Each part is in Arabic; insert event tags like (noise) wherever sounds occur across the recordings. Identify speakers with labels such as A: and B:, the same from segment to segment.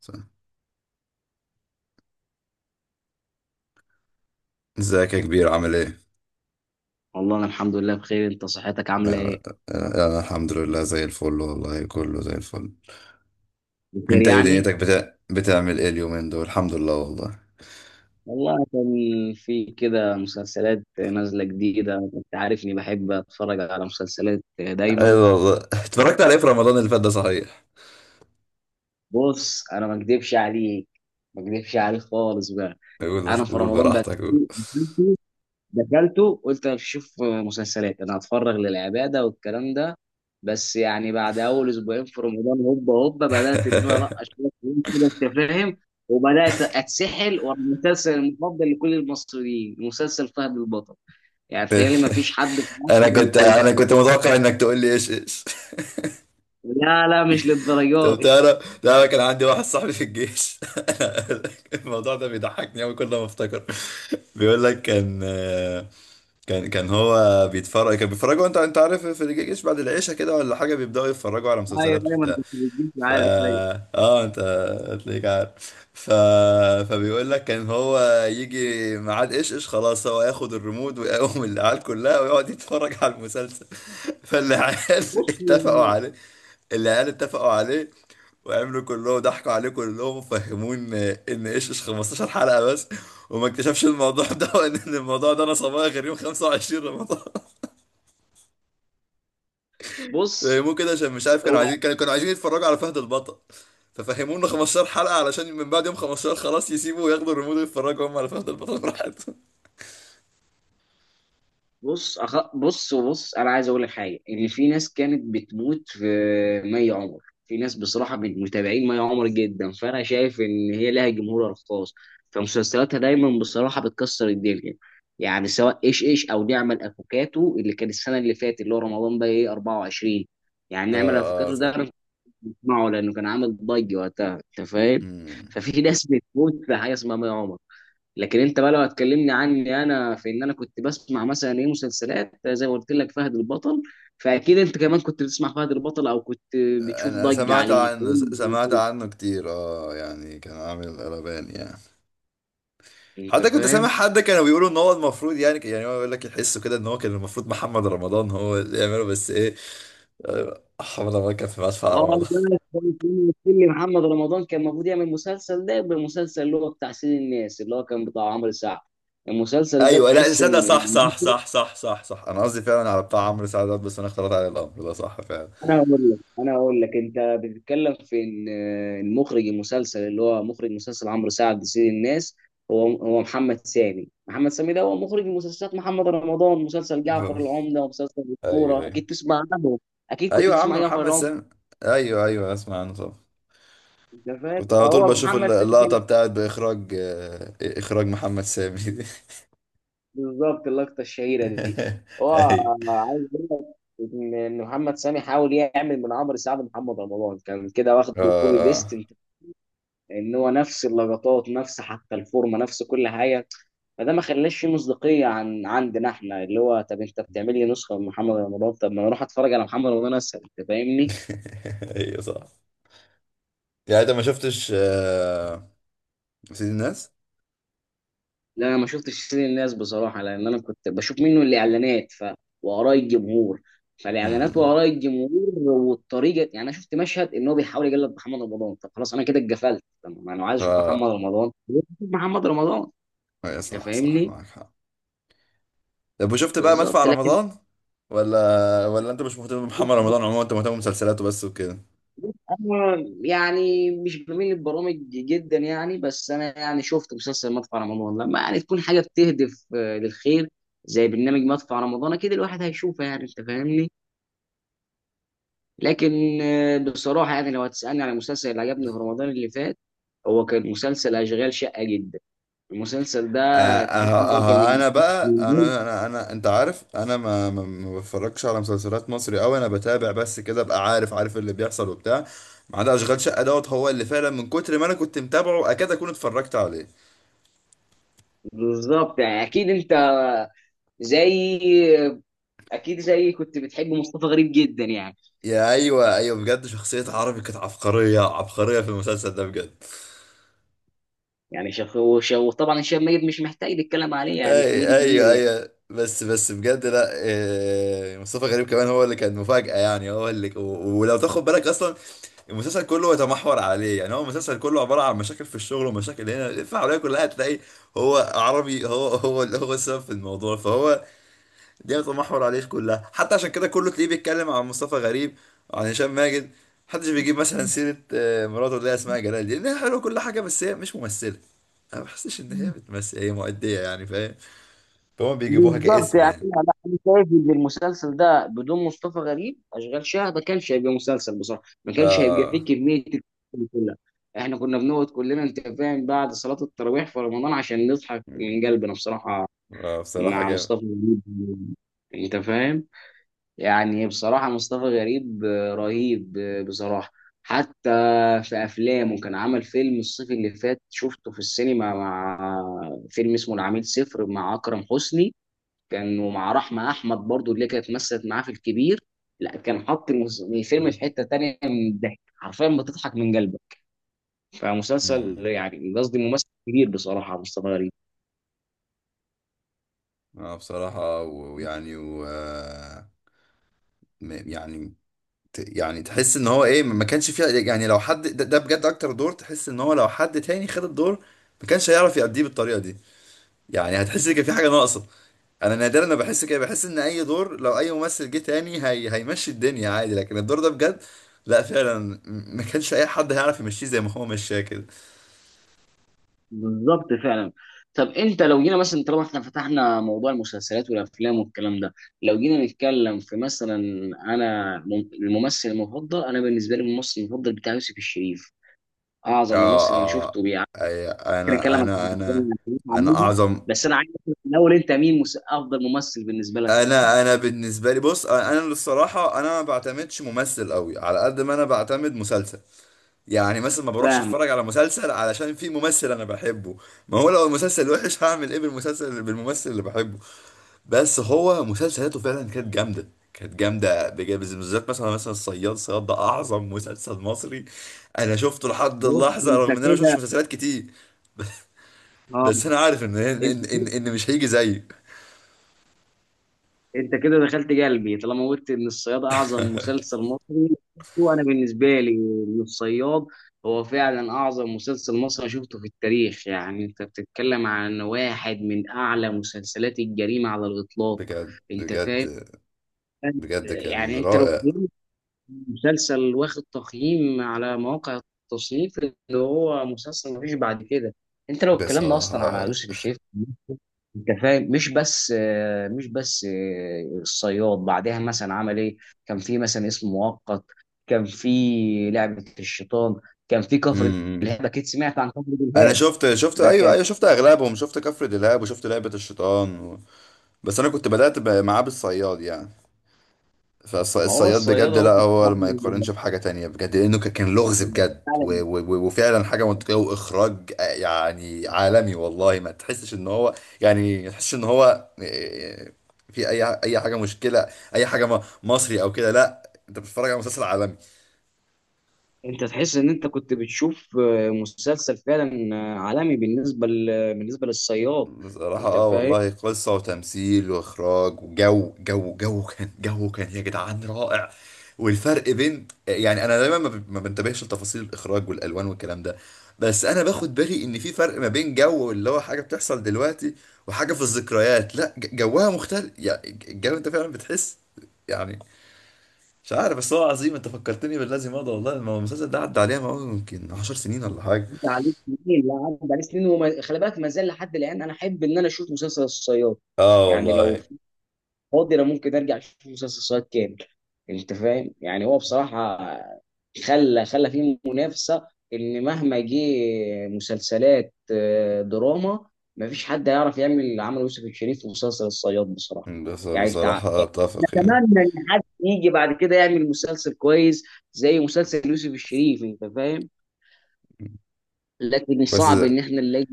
A: صح. ازيك يا كبير عامل ايه؟
B: والله انا الحمد لله بخير، انت صحتك عامله ايه؟
A: آه. آه، انا الحمد لله زي الفل والله، كله زي الفل.
B: بخير
A: انت ايه
B: يعني.
A: دنيتك بتعمل ايه اليومين دول؟ الحمد لله والله.
B: والله كان في كده مسلسلات نازله جديده، انت عارف اني بحب اتفرج على مسلسلات
A: حلو
B: دايما.
A: والله، اتفرجت على ايه في رمضان اللي فات ده صحيح؟
B: بص، انا ما اكدبش عليك، خالص بقى.
A: قول
B: انا في
A: قول
B: رمضان بقى،
A: براحتك قول.
B: دخلته قلت انا مش هشوف مسلسلات، انا هتفرغ للعباده والكلام ده. بس يعني بعد اول اسبوعين في رمضان هوبا هوبا بدات ان انا القى شويه فلوس كده، انت فاهم. وبدات اتسحل، والمسلسل المفضل لكل المصريين مسلسل فهد البطل. يعني تقريبا ما فيش حد في
A: (laughs)
B: مصر
A: انا
B: ما
A: كنت انا
B: كانش.
A: كنت متوقع انك تقول لي ايش ايش.
B: لا، لا، مش للدرجه
A: طب
B: دي.
A: تعرف، لا، كان عندي واحد صاحبي في الجيش. (laughs) الموضوع ده بيضحكني قوي كل ما افتكر. بيقول لك كان هو بيتفرج، كان بيتفرجوا، انت عارف، في الجيش بعد العشاء كده ولا حاجه بيبداوا يتفرجوا على
B: ايوه،
A: مسلسلات
B: دايما
A: وبتاع.
B: كنت بتجيب
A: ف
B: معايا أيوة.
A: اه انت هتلاقيك عارف فبيقول لك كان هو يجي ميعاد ايش ايش، خلاص هو ياخد الريموت ويقوم العيال كلها ويقعد يتفرج على المسلسل. فالعيال (laughs)
B: بص.
A: اتفقوا عليه. العيال اتفقوا عليه وعملوا كلهم، ضحكوا عليه كلهم وفهموه ان ايش ايش 15 حلقة بس. وما اكتشفش الموضوع (laughs) ده، وان إن الموضوع ده انا صبايا غير يوم 25 رمضان.
B: بص
A: فهموه كده عشان مش عارف كانوا عايزين، كانوا عايزين يتفرجوا على فهد البطل. ففهموه انه 15 حلقة علشان من بعد يوم 15 خلاص يسيبوا وياخدوا الريموت ويتفرجوا هم على فهد البطل براحتهم. (laughs)
B: بص، انا عايز اقول لك حاجه ان في ناس كانت بتموت في مي عمر. في ناس بصراحه من متابعين مي عمر جدا، فانا شايف ان هي لها جمهورها الخاص. فمسلسلاتها دايما بصراحه بتكسر الدنيا. يعني سواء ايش ايش او نعمل افوكاتو اللي كان السنه اللي فاتت اللي هو رمضان بقى ايه 24. يعني
A: اه
B: نعمل
A: اه
B: افوكاتو
A: س-
B: ده انا كنت بسمعه لانه كان عامل ضجه وقتها، انت فاهم.
A: مم.
B: ففي ناس بتموت في حاجه اسمها مي عمر. لكن انت بقى لو هتكلمني عني انا، في ان انا كنت بسمع مثلا ايه مسلسلات زي ما قلت لك فهد البطل. فاكيد انت كمان كنت بتسمع فهد البطل او كنت بتشوف
A: انا
B: ضجة
A: سمعت
B: عليه،
A: عنه س- سمعت عنه كتير، اه، يعني كان عامل قلبان يعني.
B: انت
A: حتى كنت سامع
B: فاهم.
A: حد كانوا بيقولوا ان هو المفروض، يعني هو يقول لك يحسوا كده ان هو كان المفروض محمد رمضان هو اللي يعمله، بس ايه، آه، محمد رمضان كان في مدفع
B: اه
A: رمضان.
B: بس، اللي محمد رمضان كان المفروض يعمل مسلسل ده يبقى المسلسل اللي هو بتاع سيد الناس اللي هو كان بتاع عمرو سعد. المسلسل ده
A: ايوه، لا
B: تحس
A: صدق،
B: ان...
A: صح صح صح صح صح صح، انا قصدي فعلا على بتاع عمرو سعدات، بس انا اختلط عليه الامر ده، صح فعلا.
B: انا هقول لك انت بتتكلم في ان المخرج، المسلسل اللي هو مخرج مسلسل عمرو سعد سيد الناس. هو محمد سامي ده هو مخرج مسلسلات محمد رمضان، مسلسل جعفر
A: آه.
B: العمدة ومسلسل
A: ايوه
B: الكورة،
A: ايوه.
B: اكيد تسمع عنه. اكيد كنت
A: ايوه يا عم،
B: تسمع جعفر
A: محمد
B: العمدة.
A: سامي. ايوه ايوه، اسمع عنه طبعا.
B: انت فاهم،
A: كنت على طول
B: فهو
A: بشوف
B: محمد سامي كان...
A: اللقطه بتاعت باخراج آه، اخراج محمد سامي دي.
B: بالظبط، اللقطة الشهيرة دي.
A: (laughs)
B: هو
A: ايوه.
B: عايز اقول لك إن محمد سامي حاول يعمل من عمرو سعد محمد رمضان، كان كده واخد
A: اه.
B: الكوبي بيست.
A: آه.
B: ان هو نفس اللقطات، نفس حتى الفورمه، نفس كل حاجه. فده ما خلاش فيه مصداقيه عن عندنا احنا، اللي هو طب انت بتعمل لي نسخه من محمد رمضان؟ طب ما انا اروح اتفرج على محمد رمضان اسهل، انت فاهمني؟
A: (laughs) ايوه صح. يعني انت ما شفتش سيد الناس؟
B: لا، انا ما شفتش سيد الناس بصراحه، لان انا كنت بشوف منه الاعلانات ف... واراء الجمهور. فالاعلانات
A: امم.
B: واراء الجمهور. والطريقه، يعني انا شفت مشهد ان هو بيحاول يقلد محمد رمضان، طب خلاص انا كده اتقفلت، طب ما انا عايز اشوف محمد
A: اه.
B: رمضان. محمد رمضان،
A: أيوة،
B: انت
A: صح صح،
B: فاهمني؟
A: معاك حق. طب وشفت بقى مدفع
B: بالظبط، لكن...
A: رمضان، ولا انت مش مهتم بمحمد رمضان عموما، انت مهتم بمسلسلاته بس وكده؟
B: أنا يعني مش بميل للبرامج جدا يعني، بس أنا يعني شفت مسلسل مدفع رمضان، لما يعني تكون حاجة بتهدف للخير. زي برنامج مدفع رمضان، أكيد الواحد هيشوفها يعني، أنت فاهمني. لكن بصراحة يعني، لو هتسألني على المسلسل اللي عجبني في رمضان اللي فات. هو كان مسلسل أشغال شقة جدا. المسلسل ده تحس إن هو
A: اه
B: كان...
A: انا بقى،
B: (laughs)
A: انا انت عارف، انا ما بتفرجش على مسلسلات مصري قوي. انا بتابع بس كده ابقى عارف اللي بيحصل وبتاع، ما عدا اشغال شقه دوت، هو اللي فعلا من كتر ما انا كنت متابعه اكاد اكون اتفرجت عليه.
B: بالظبط، يعني أكيد أنت زي، آه، أكيد زي كنت بتحب مصطفى غريب جدا يعني.
A: ايوه ايوه، بجد شخصيه عربي كانت عبقريه عبقريه في المسلسل ده بجد.
B: يعني وطبعا هشام ميت مش محتاج نتكلم عليه، يعني
A: اي
B: كوميدي كبير
A: ايوه
B: يعني.
A: ايوه، بس بجد، لا إيه، مصطفى غريب كمان هو اللي كان مفاجأة، يعني هو اللي ولو تاخد بالك اصلا المسلسل كله يتمحور عليه. يعني هو المسلسل كله عبارة عن مشاكل في الشغل ومشاكل، هنا الفعالية كلها تلاقي هو عربي، هو اللي هو السبب في الموضوع، فهو دي يتمحور عليه كلها. حتى عشان كده كله تلاقيه بيتكلم عن مصطفى غريب وعن هشام ماجد. محدش بيجيب مثلا سيرة مراته اللي هي اسمها جلال دي، لأنها حلوة كل حاجة بس هي مش ممثلة. انا ما بحسش ان هي بتمثل، هي مؤدية يعني، فاهم؟ فهم بيجيبوها
B: بالظبط،
A: كاسم
B: يعني
A: يعني.
B: انا لا، أنا شايف ان المسلسل ده بدون مصطفى غريب اشغال شقه ما كانش هيبقى مسلسل بصراحه، ما كانش هيبقى فيه
A: اه.
B: كميه الكوميديا كلها. احنا كنا بنقعد كلنا، انت فاهم، بعد صلاه التراويح في رمضان عشان نضحك
A: مم.
B: من قلبنا بصراحه.
A: آه، بصراحة
B: مع
A: جامد.
B: مصطفى غريب. انت فاهم. يعني بصراحة مصطفى غريب رهيب، بصراحة. حتى في أفلامه، كان عمل فيلم الصيف اللي فات شفته في السينما مع... فيلم اسمه العميل صفر مع أكرم حسني. كان ومع رحمة أحمد برضو اللي كانت مثلت معاه في الكبير. لا، كان حط الفيلم في حتة تانية من الضحك، حرفيا بتضحك من قلبك. فمسلسل
A: امم.
B: يعني قصدي، ممثل كبير بصراحة مصطفى غريب.
A: اه بصراحة و- ويعني و آه، م- يعني يعني تحس ان هو ايه، ما كانش فيها، يعني لو حد ده بجد، اكتر دور تحس ان هو لو حد تاني خد الدور ما كانش هيعرف يأديه بالطريقة دي. يعني هتحس ان كان في حاجة ناقصة. انا نادرا ما بحس كده، بحس ان اي دور لو اي ممثل جه تاني هي هيمشي الدنيا عادي، لكن الدور ده بجد، لا فعلا، ما كانش اي حد هيعرف يمشيه زي ما هو مشاه كده.
B: بالظبط فعلا. طب انت، لو جينا مثلا، طالما احنا فتحنا موضوع المسلسلات والافلام والكلام ده. لو جينا نتكلم في مثلا... انا الممثل المفضل انا بالنسبه لي، الممثل المفضل بتاع يوسف الشريف. اعظم
A: اه
B: ممثل انا شفته
A: اه أي
B: ممكن اكلمك عن الأفلام اللي كانت
A: انا
B: عاملها.
A: اعظم
B: بس انا عايز أعرف الاول، انت مين افضل ممثل بالنسبه لك؟
A: انا بالنسبه لي، بص، انا للصراحه انا ما بعتمدش ممثل قوي على قد ما انا بعتمد مسلسل. يعني مثلا ما بروحش
B: فاهم.
A: اتفرج على مسلسل علشان في ممثل انا بحبه. ما هو لو المسلسل وحش (laughs) هعمل ايه بالمسلسل بالممثل اللي بحبه؟ بس هو مسلسلاته فعلا كانت جامده. كانت جامده بجد، بالذات مثلا، الصياد ده اعظم مسلسل مصري انا شفته لحد
B: بص
A: اللحظه،
B: انت
A: رغم ان انا ما شفتش
B: كده
A: مسلسلات كتير،
B: اه،
A: بس انا عارف ان ان
B: انت
A: ان, إن مش هيجي زيه.
B: انت كده دخلت قلبي طالما قلت ان الصياد اعظم مسلسل مصري. شفته انا بالنسبه لي. إن الصياد هو فعلا اعظم مسلسل مصري شفته في التاريخ، يعني انت بتتكلم عن واحد من اعلى مسلسلات الجريمه على الاطلاق.
A: بجد
B: انت فاهم.
A: بجد. بجد كان
B: يعني انت لو...
A: رائع.
B: مسلسل واخد تقييم على مواقع التصنيف اللي... هو مسلسل مفيش بعد كده. انت لو اتكلمنا اصلا
A: بصراحة.
B: على يوسف الشريف. انت فاهم، مش بس الصياد بعدها مثلا عمل ايه. كان في مثلا اسم مؤقت. كان في لعبة الشيطان. كان في كفر
A: امم.
B: دلهاب، اكيد سمعت عن كفر
A: انا
B: دلهاب.
A: شفت شفت
B: ده
A: ايوه
B: كان...
A: ايوه، شفت اغلبهم، شفت كفر دلهاب وشفت لعبة الشيطان بس انا كنت بدأت معاه بالصياد يعني.
B: ما هو
A: فالصياد
B: الصياد
A: بجد، لا
B: هو
A: هو ما يقارنش بحاجة تانية بجد، لأنه كان لغز بجد و
B: بيعمل-
A: و و وفعلا حاجة منطقية وإخراج، آه، يعني عالمي والله، ما تحسش إن هو، يعني ما تحسش إن هو في أي حاجة مشكلة، أي حاجة مصري أو كده، لا، أنت بتتفرج على مسلسل عالمي.
B: انت تحس ان انت كنت بتشوف مسلسل فعلا عالمي بالنسبه بالنسبه للصياد.
A: بصراحة
B: انت
A: اه
B: فاهم.
A: والله، قصة وتمثيل واخراج، وجو جو جو كان جو كان يا جدعان رائع. والفرق بين، يعني، انا دايما ما بنتبهش لتفاصيل الاخراج والالوان والكلام ده، بس انا باخد بالي ان في فرق ما بين جو اللي هو حاجة بتحصل دلوقتي وحاجة في الذكريات، لا جوها مختلف. يعني الجو انت فعلا بتحس. يعني، مش عارف بس هو عظيم. انت فكرتني بالذي مضى والله. ما هو المسلسل ده عدى عليها ما هو يمكن 10 سنين ولا حاجة.
B: انت عليك سنين، لا، عدى عليك سنين وما... خلي بالك ما زال لحد الان انا احب ان انا اشوف مسلسل الصياد.
A: اه
B: يعني لو
A: والله.
B: فاضي، انا ممكن ارجع اشوف مسلسل الصياد كامل. انت فاهم، يعني هو بصراحه خلى فيه منافسه. ان مهما جه مسلسلات دراما، مفيش حد هيعرف يعمل عمل يوسف الشريف في مسلسل الصياد بصراحه.
A: بس
B: يعني انت،
A: بصراحة اتفق يعني.
B: نتمنى ان حد يجي بعد كده يعمل مسلسل كويس زي مسلسل يوسف الشريف، انت فاهم. لكن
A: بس
B: صعب ان احنا نلاقي.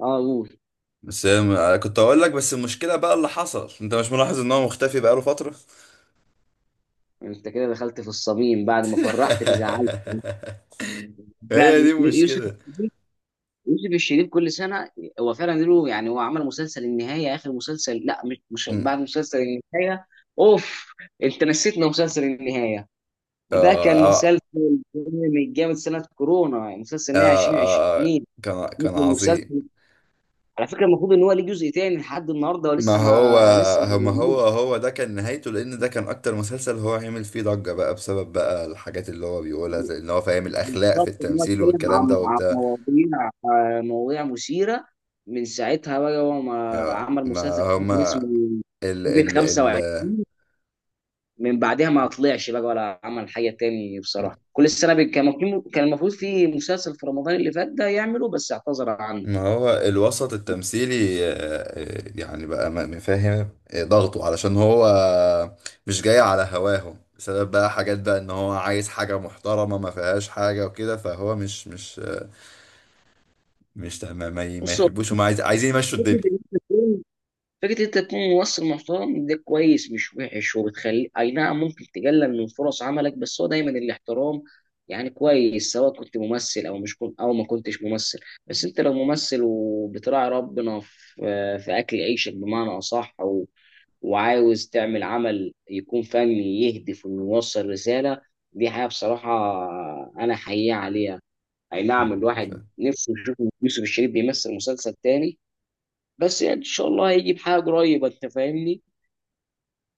B: اه، قول.
A: بس أنا كنت اقول لك، بس المشكله بقى اللي حصل، انت مش ملاحظ ان هو مختفي بقاله فتره؟
B: انت كده دخلت في الصميم، بعد ما فرحت تزعلت.
A: (laughs) هي
B: فعلا
A: دي
B: يوسف
A: المشكله.
B: الشريف، يوسف الشريف كل سنه. هو فعلا له، يعني هو عمل مسلسل النهايه اخر مسلسل، لا مش
A: أمم.
B: بعد مسلسل النهايه. اوف، انت نسيتنا مسلسل النهايه. ده كان
A: آه
B: مسلسل جامد جامد، سنه كورونا مسلسل النهايه
A: آه آه،
B: 2020.
A: كان
B: ممكن
A: عظيم.
B: مسلسل، على فكره المفروض ان هو ليه جزء تاني لحد النهارده
A: ما
B: ولسه
A: هو
B: ما لسه ما
A: ما هو
B: موجود.
A: هو ده كان نهايته، لان ده كان اكتر مسلسل هو عمل فيه ضجة بقى بسبب بقى الحاجات اللي هو بيقولها زي ان هو فاهم الاخلاق في
B: بالظبط، ان هو
A: التمثيل
B: اتكلم
A: والكلام
B: عن
A: ده
B: عن
A: وبتاع.
B: مواضيع مثيره. من ساعتها بقى هو ما عمل
A: ما
B: مسلسل تاني، كان
A: هما
B: اسمه
A: ال
B: كوفيد
A: ال ال
B: 25. من بعدها ما طلعش بقى ولا عمل حاجه تاني بصراحه، كل سنه كان المفروض في مسلسل في رمضان اللي فات ده يعمله، بس اعتذر عنه.
A: ما هو الوسط التمثيلي يعني بقى فاهم ضغطه علشان هو مش جاي على هواه، بسبب بقى حاجات، بقى ان هو عايز حاجة محترمة ما فيهاش حاجة وكده، فهو مش مش آه، مش ما, ما ما
B: بص، هو
A: يحبوش، هم عايزين يمشوا الدنيا.
B: فكره، فكرة إن أنت تكون ممثل محترم ده كويس مش وحش، وبتخلي أي نعم ممكن تقلل من فرص عملك، بس هو دايما الاحترام. يعني كويس سواء كنت ممثل أو مش كنت أو ما كنتش ممثل. بس أنت لو ممثل وبتراعي ربنا في أكل عيشك بمعنى أصح وعاوز تعمل عمل يكون فني يهدف إنه يوصل رسالة. دي حاجة بصراحة أنا حقيقة عليها. أي نعم،
A: مم، ف-
B: الواحد نفسه يشوف يوسف الشريف بيمثل مسلسل تاني. بس يعني ان شاء الله هيجي بحاجه قريبه، انت فاهمني.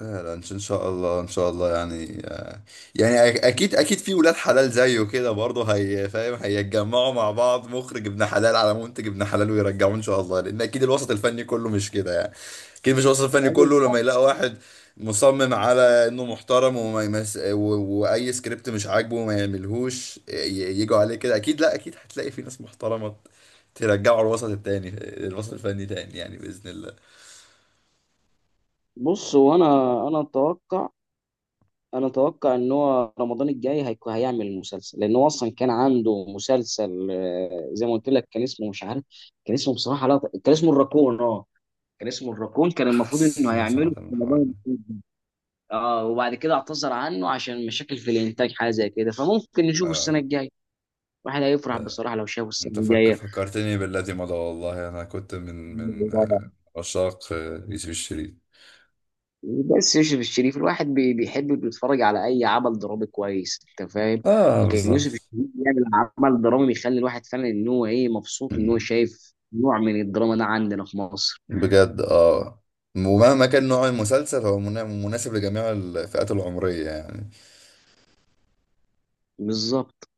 A: لا لا، ان شاء إن شاء الله، ان شاء الله يعني، آه، يعني اكيد في ولاد حلال زيه كده برضه، هي فاهم، هيتجمعوا مع بعض، مخرج ابن حلال على منتج ابن حلال ويرجعوه ان شاء الله، لان اكيد الوسط الفني كله مش كده يعني. اكيد مش الوسط الفني
B: أيوة
A: كله لما
B: بالظبط.
A: يلاقي واحد مصمم على انه محترم، وما واي سكريبت مش عاجبه ما يعملهوش، يجوا عليه كده. اكيد، لا اكيد، هتلاقي في ناس محترمة ترجعوا الوسط التاني، الوسط الفني تاني يعني باذن الله.
B: بص هو انا، انا اتوقع انا اتوقع ان هو رمضان الجاي هيكون هيعمل المسلسل، لان هو اصلا كان عنده مسلسل زي ما قلت لك، كان اسمه مش عارف. كان اسمه بصراحه، لا، كان اسمه الراكون، اه. كان اسمه الراكون، كان المفروض
A: حاسس
B: انه
A: ان انا
B: هيعمله
A: سمعت عن
B: في
A: الحوار
B: رمضان
A: ده.
B: الجاي. اه، وبعد كده اعتذر عنه عشان مشاكل في الانتاج حاجه زي كده، فممكن نشوفه السنه
A: اه.
B: الجايه. الواحد هيفرح
A: آه،
B: بصراحه لو شافه السنه
A: انت فكرتني بالذي مضى والله. انا كنت من من
B: الجايه.
A: آه، عشاق، آه، يوسف الشريف.
B: بس يوسف الشريف، الواحد بيحب بيتفرج على اي عمل درامي كويس، انت فاهم.
A: اه
B: لكن يوسف
A: بالظبط.
B: الشريف بيعمل عمل درامي بيخلي الواحد فعلا ان هو ايه مبسوط ان هو
A: مم.
B: شايف نوع من الدراما ده عندنا في مصر.
A: بجد اه. ومهما كان نوع المسلسل هو مناسب لجميع الفئات العمرية يعني.
B: بالظبط،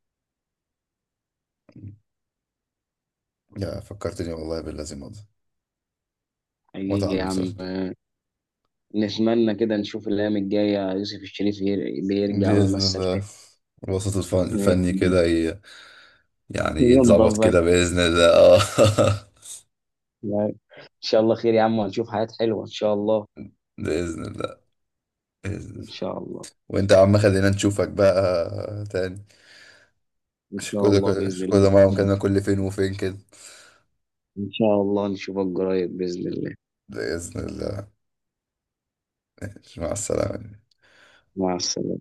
A: يا فكرتني والله بالذي مضى.
B: حقيقي
A: متعة
B: يا
A: المسلسل.
B: عم. آه، نتمنى كده نشوف الايام الجايه يوسف الشريف بيرجع
A: بإذن
B: ويمثل
A: الله.
B: تاني.
A: الوسط الفني كده
B: (laughs)
A: يعني يتظبط
B: ينضف بقى.
A: كده بإذن الله، اه. (laughs)
B: ان شاء الله خير يا عم، وهنشوف حاجات حلوه ان شاء الله.
A: بإذن الله. بإذن
B: ان
A: الله.
B: شاء الله.
A: وانت يا عم خلينا نشوفك بقى تاني.
B: ان
A: مش
B: شاء
A: كل
B: الله باذن
A: مش
B: الله.
A: كل مرة مكالمة، كل فين وفين كده.
B: ان شاء الله نشوفك قريب باذن الله.
A: بإذن الله. ماشي، مع السلامة.
B: مع السلامه.